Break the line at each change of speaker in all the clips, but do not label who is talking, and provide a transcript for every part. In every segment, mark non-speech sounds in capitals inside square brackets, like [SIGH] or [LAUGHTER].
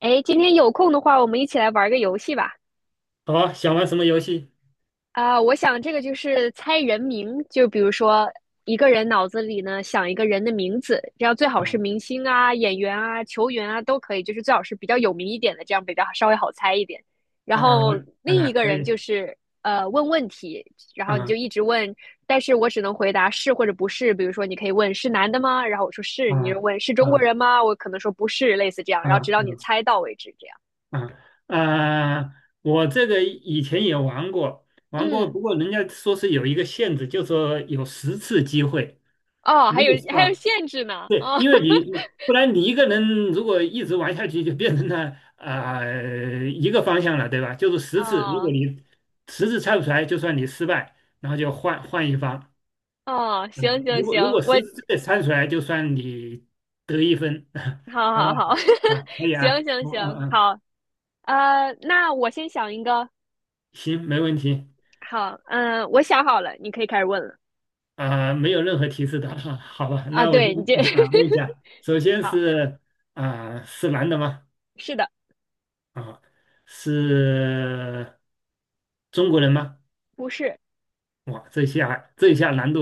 哎，今天有空的话，我们一起来玩个游戏吧。
好，想玩什么游戏？
啊、我想这个就是猜人名，就比如说一个人脑子里呢想一个人的名字，这样最好是明
啊
星啊、演员啊、球员啊都可以，就是最好是比较有名一点的，这样比较稍微好猜一点。然
啊
后另
啊，
一个
可
人
以
就是问问题，然后你就
啊
一直问，但是我只能回答是或者不是。比如说你可以问是男的吗？然后我说是，你就
啊
问是中国
啊
人吗？我可能说不是，类似这样，
啊
然后直
啊
到你猜到为止，这样。
啊！啊！我这个以前也玩过，玩过，
嗯。
不过人家说是有一个限制，就说有十次机会。
哦，还
如
有
果是
还有
啊，
限制呢，
对，
哦
因为
[LAUGHS]
你不然你一个人如果一直玩下去，就变成了一个方向了，对吧？就是十次，如果
哦
你十次猜不出来，就算你失败，然后就换换一方。
哦，
嗯，
行行
如果如
行，
果实
我
质之内猜出来，就算你得1分。[LAUGHS]
好
好
好好，
吧，啊，可
[LAUGHS]
以
行
啊，
行
我嗯
行，
嗯，
好，那我先想一个，
行，没问题
好，嗯，我想好了，你可以开始问了。
啊，没有任何提示的，[LAUGHS] 好吧，
啊，
那我就
对，你这
问一下，首
[LAUGHS]
先
好，
是是男的吗？
是的，
啊，是中国人吗？
不是，
哇，这下难度，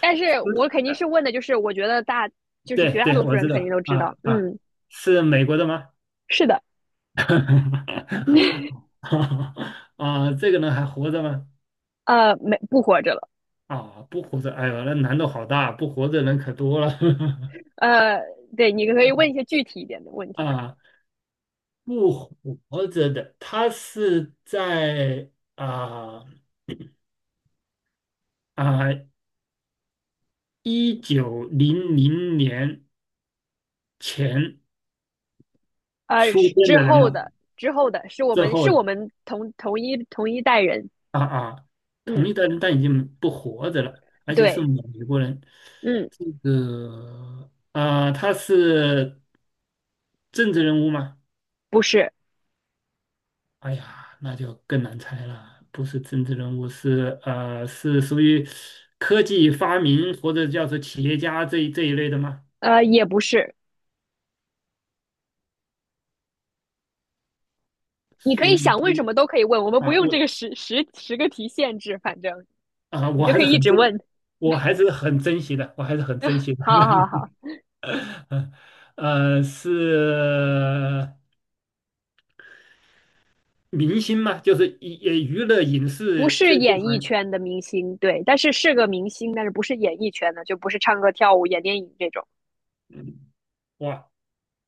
但是我肯定是问的，就是我觉得大，就是
对
绝大
对，
多数
我
人
知
肯
道
定都知
啊
道，
啊，
嗯，
是美国的吗？
是的，
[LAUGHS] 哈哈，
[LAUGHS]
好，[LAUGHS] 啊，这个人还活着吗？
没，不活着了，
啊，不活着，哎呦，那难度好大，不活着人可多了
呃，对，你可以问一些具体一点的问
[LAUGHS]
题。
啊，不活着的，他是在啊啊1900年前出
是
现
之
的人
后
嘛，
的，之后的是我
之
们
后
是我
的
们同一代人，
啊啊，同
嗯，
一代人但已经不活着了，而且是
对，
美国人，
嗯，
这个啊，他是政治人物吗？
不是，
哎呀，那就更难猜了，不是政治人物，是属于科技发明或者叫做企业家这一类的吗？
也不是，你可
属
以
于
想问什么都可以问，我们不
啊，
用这
我
个十个题限制，反正
啊，
你
我
就
还
可
是
以一
很
直
珍，
问。
我还是很珍惜的，我还是很珍惜的。
好好好，
[LAUGHS] 是明星嘛，就是娱乐影
不
视
是
这
演艺
行，
圈的明星，对，但是是个明星，但是不是演艺圈的，就不是唱歌、跳舞、演电影这种。
嗯哇，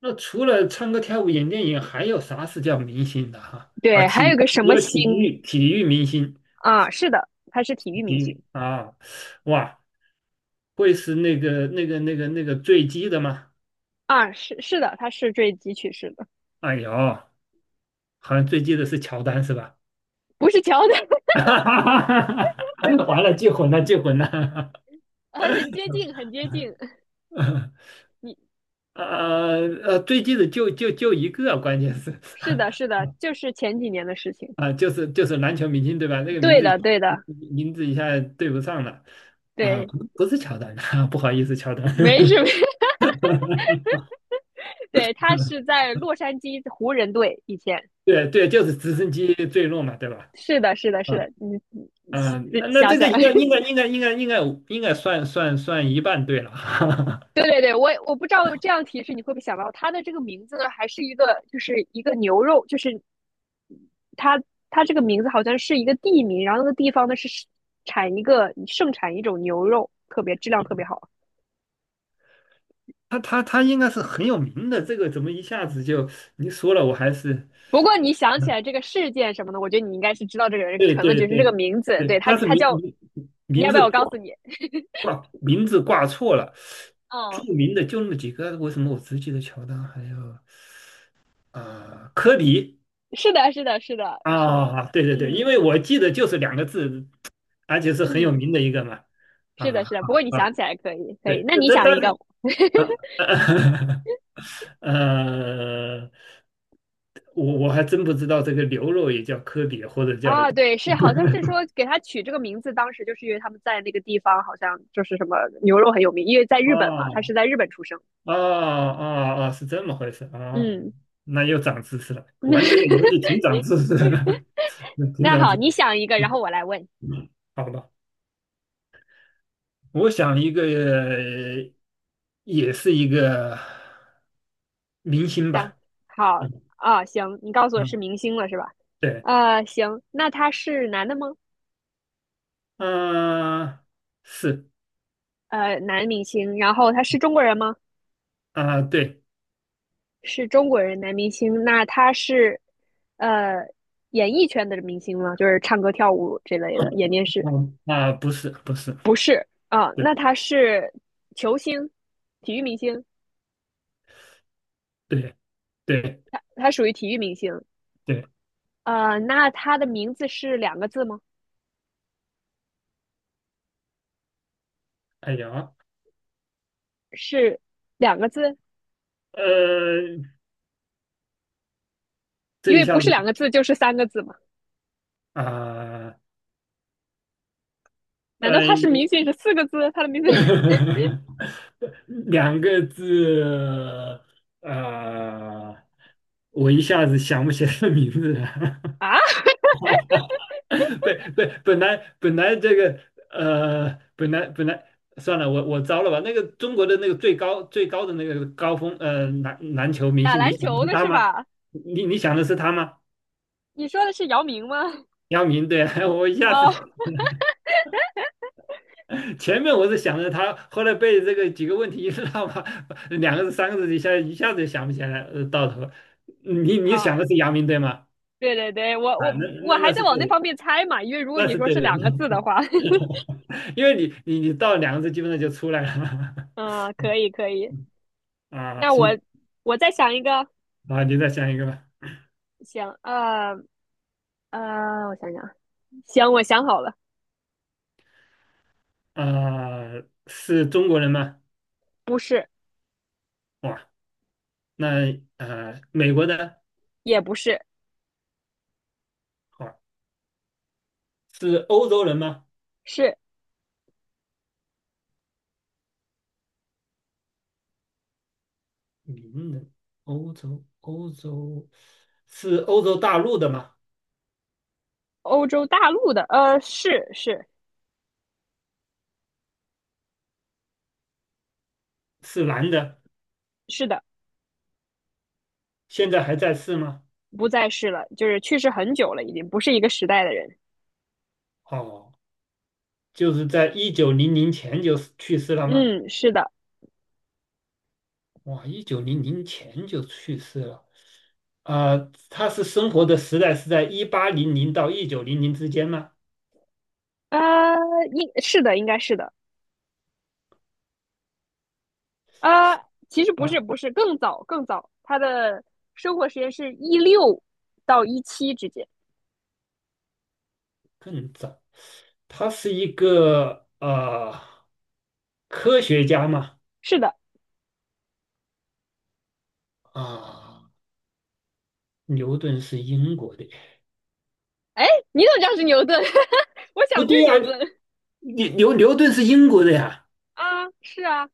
那除了唱歌跳舞演电影，还有啥是叫明星的哈？
对，还有个什
也
么
有
星
体育明星。
啊？是的，他是体育明星。
你啊，哇，会是那个坠机的吗？
啊，是的，他是坠机去世的，
哎呦，好像坠机的是乔丹是吧？
不是乔丹。
[LAUGHS] 完了，记混了，记混了。
很接近，很接近。[LAUGHS] 你
坠机的就一个，关键是
是的，是的，就是前几年的事情。
[LAUGHS] 啊，就是篮球明星对吧？那个名
对
字
的，对的，
名字一下对不上了啊，
对，
不是乔丹，[LAUGHS] 不好意思，乔丹，
没什么。[LAUGHS] 对，他
[LAUGHS]
是在洛杉矶湖人队以前。
对对，就是直升机坠落嘛，对吧？
是的，是的，是
啊。
的。你你你
那
想
这个
想，
应
[LAUGHS]
该应该应该应该应该应该算一半对了，[LAUGHS]
对对对，我不知道这样提示你会不会想到他的这个名字呢？还是一个就是一个牛肉，就是他他这个名字好像是一个地名，然后那个地方呢是产一个盛产一种牛肉，特别质量特别好。
他应该是很有名的，这个怎么一下子就你说了，我还是
不过你想起
嗯，
来这个事件什么的，我觉得你应该是知道这个人
对
可能
对
只是这个
对
名字，对
对，
他，
但是
他叫，你
名
要不
字
要我告诉
挂
你？
名字挂错了，
嗯，
著名的就那么几个，为什么我只记得乔丹，还有啊、科比
是的，是的，是的，是的，
啊，对对对，因为
嗯
我记得就是两个字，而且是很有
嗯，
名的一个嘛，啊
是的，
啊，
是的。不过你
啊
想起来可以，可以。
对，
那
但
你
但
想一
但
个。
[LAUGHS] 呃，我还真不知道这个牛肉也叫科比，或者叫
啊？对，
[LAUGHS]
是好像是说给他取这个名字，当时就是因为他们在那个地方好像就是什么牛肉很有名，因为在
啊
日本嘛，他是在日本出生。
啊啊啊，是这么回事啊、哦
嗯，
那又长知识了，玩这个游戏
[LAUGHS]
挺长知识的，[LAUGHS] 挺
那
长
好，
知识。
你想一个，然后我来问，行，
嗯好吧，我想一个，也是一个明星吧。
好。
嗯
啊，行，你告诉我是
嗯，
明星了是吧？
对，
行，那他是男的吗？
嗯、是
男明星，然后他是中国人吗？
啊、对，
是中国人男明星，那他是呃演艺圈的明星吗？就是唱歌跳舞这类的，演
[COUGHS]
电视？
不是不是，
不是啊，
对
那他是球星，体育明星，
对。对
他属于体育明星。
对，
那他的名字是两个字吗？
哎呀，
是两个字，
呃，这
因
一
为不
下
是
子
两个字就是三个字嘛。
啊，
难道他是
呃，
明星是四个字？他的名字
[LAUGHS] 两个字，啊，我一下子想不起来名字了。
[LAUGHS] 啊，
[LAUGHS] 对对，本来这个本来算了，我糟了吧？那个中国的那个最高最高的那个高峰，篮球明
打
星，你
篮
想的
球
是
的
他
是
吗？
吧？
你想的是他吗？
你说的是姚明吗？
姚明，对啊，[LAUGHS] 我一
[LAUGHS]
下子
啊、
前面我是想着他，后来被这个几个问题一绕嘛，两个字三个字一下子就想不起来，到头了你想
好，
的是阳明对吗？
对对对，我我
啊，那那
我还
那
在
是
往
对
那
的，
方面猜嘛，因为如果
那
你
是
说
对
是
的，
两个字的
[LAUGHS]
话，
因为你到两个字基本上就出来了。
[LAUGHS] 嗯，可
[LAUGHS]
以可以。
啊，
那我
行，
我再想一个，
啊，你再想一个吧。
行，我想想啊，行，我想好了，
啊，是中国人吗？
不是，
哇，那美国的，
也不是，
哇，是欧洲人吗？
是
名人，欧洲，欧洲，是欧洲大陆的吗？
欧洲大陆的，是是
是男的，
是的，
现在还在世吗？
不再是了，就是去世很久了，已经不是一个时代的人。
哦，就是在一九零零前就去世了吗？
嗯，是的，
哇，一九零零前就去世了。啊、他是生活的时代是在1800到一九零零之间吗？
呃，应是的，应该是的。啊，其实不是，
啊，
不是，更早更早，他的生活时间是一六到一七之间。
更早。他是一个科学家嘛？
是的，
啊，牛顿是英国的。
哎，你怎么知道是牛顿？[LAUGHS] 我
不
想就
对
是
呀、
牛顿。
牛顿是英国的呀。
啊，是啊，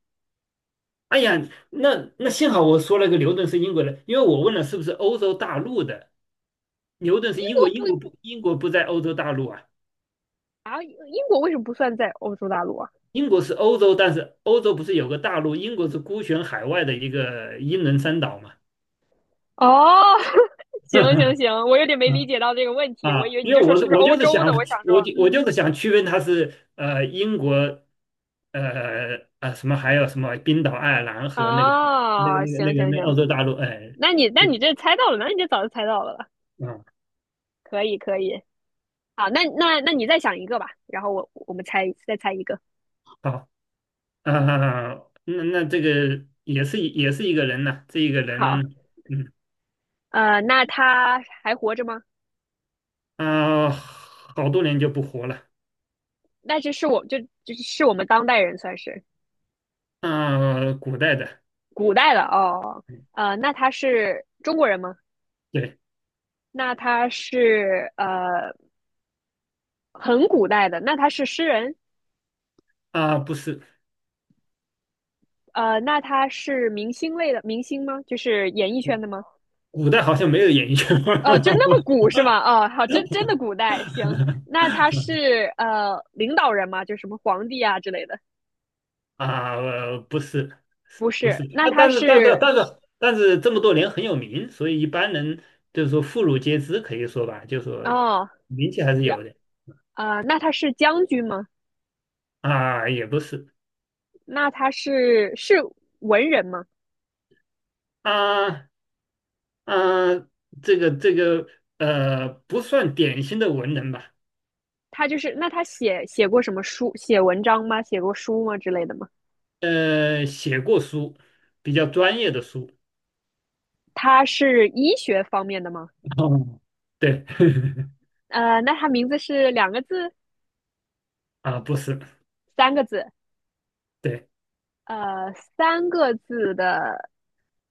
哎呀，那幸好我说了个牛顿是英国人，因为我问了是不是欧洲大陆的，牛顿
英
是英
国
国，
不不
英国不在欧洲大陆啊，
啊，英国为什么不算在欧洲大陆啊？
英国是欧洲，但是欧洲不是有个大陆，英国是孤悬海外的一个英伦三岛嘛。
哦，[LAUGHS]
[LAUGHS]
行行行，我有点没理
嗯
解到这个问题，我以为你
因为
就说是不是
我
欧
就是
洲
想，
的，我想说，
我就是
嗯，
想区分它是英国，什么还有什么冰岛、爱尔兰和那个那个
啊，
那个
行
那个
行
那个欧
行，
洲大陆，哎，
那你这猜到了，那你这早就猜到了，
嗯，
可以可以，好，那你再想一个吧，然后我们猜再猜一个。
啊好。[LAUGHS] 啊，那这个也是一个人呐、这一个
好，
人，嗯
那他还活着吗？
好多年就不活了。
那就是我就是我们当代人算是
啊，古代的，
古代了哦。那他是中国人吗？
对
那他是很古代的，那他是诗人，
啊，不是，
那他是明星类的明星吗？就是演艺圈的吗？
古代好像没有演艺圈
哦，就是那
[LAUGHS]
么古是吗？哦，好，真的古代，行。那他是领导人吗？就什么皇帝啊之类的？
啊，不是
不
不是，
是，那
啊，
他
但是但是
是
但是但是这么多年很有名，所以一般人就是说妇孺皆知，可以说吧，就说
哦。
名气还是
然
有的
那他是将军吗？
啊，也不是
那他是文人吗？
啊，啊，这个不算典型的文人吧，
他就是那他写过什么书、写文章吗？写过书吗之类的吗？
写过书，比较专业的书
他是医学方面的吗？
[LAUGHS]。哦，对，[LAUGHS]
那他名字是两个字、
啊，不是，
三个字？
对，
呃，三个字的，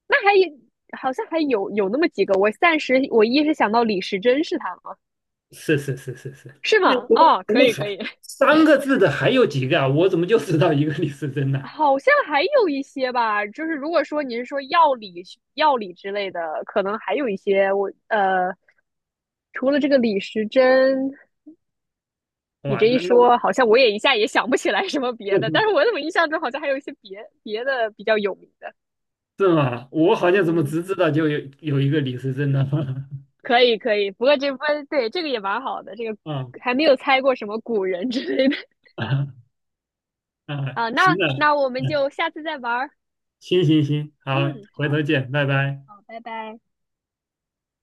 那还有好像还有那么几个。我暂时我一时想到李时珍是他吗？
是是是是是。
是
那
吗？
怎么
哦，
怎
可
么
以可以，
还三个字的还有几个啊？我怎么就知道一个李时珍呢？
好像还有一些吧，就是如果说你是说药理之类的，可能还有一些我除了这个李时珍，你
哇，
这一
那
说，好像我也一下也想不起来什么别的，但是
[LAUGHS]
我怎么印象中好像还有一些别的比较有名的，
是吗？我好像怎么
嗯，
只知道就有一个李时珍呢？[LAUGHS]
可以可以，不过这不对，这个也蛮好的，这个
啊
还没有猜过什么古人之类的。
啊
[LAUGHS]
啊！
啊，那
行了，
那我们就
嗯，
下次再玩儿，
行行行，好，
嗯，
回
好，
头见，拜拜。
好，拜拜。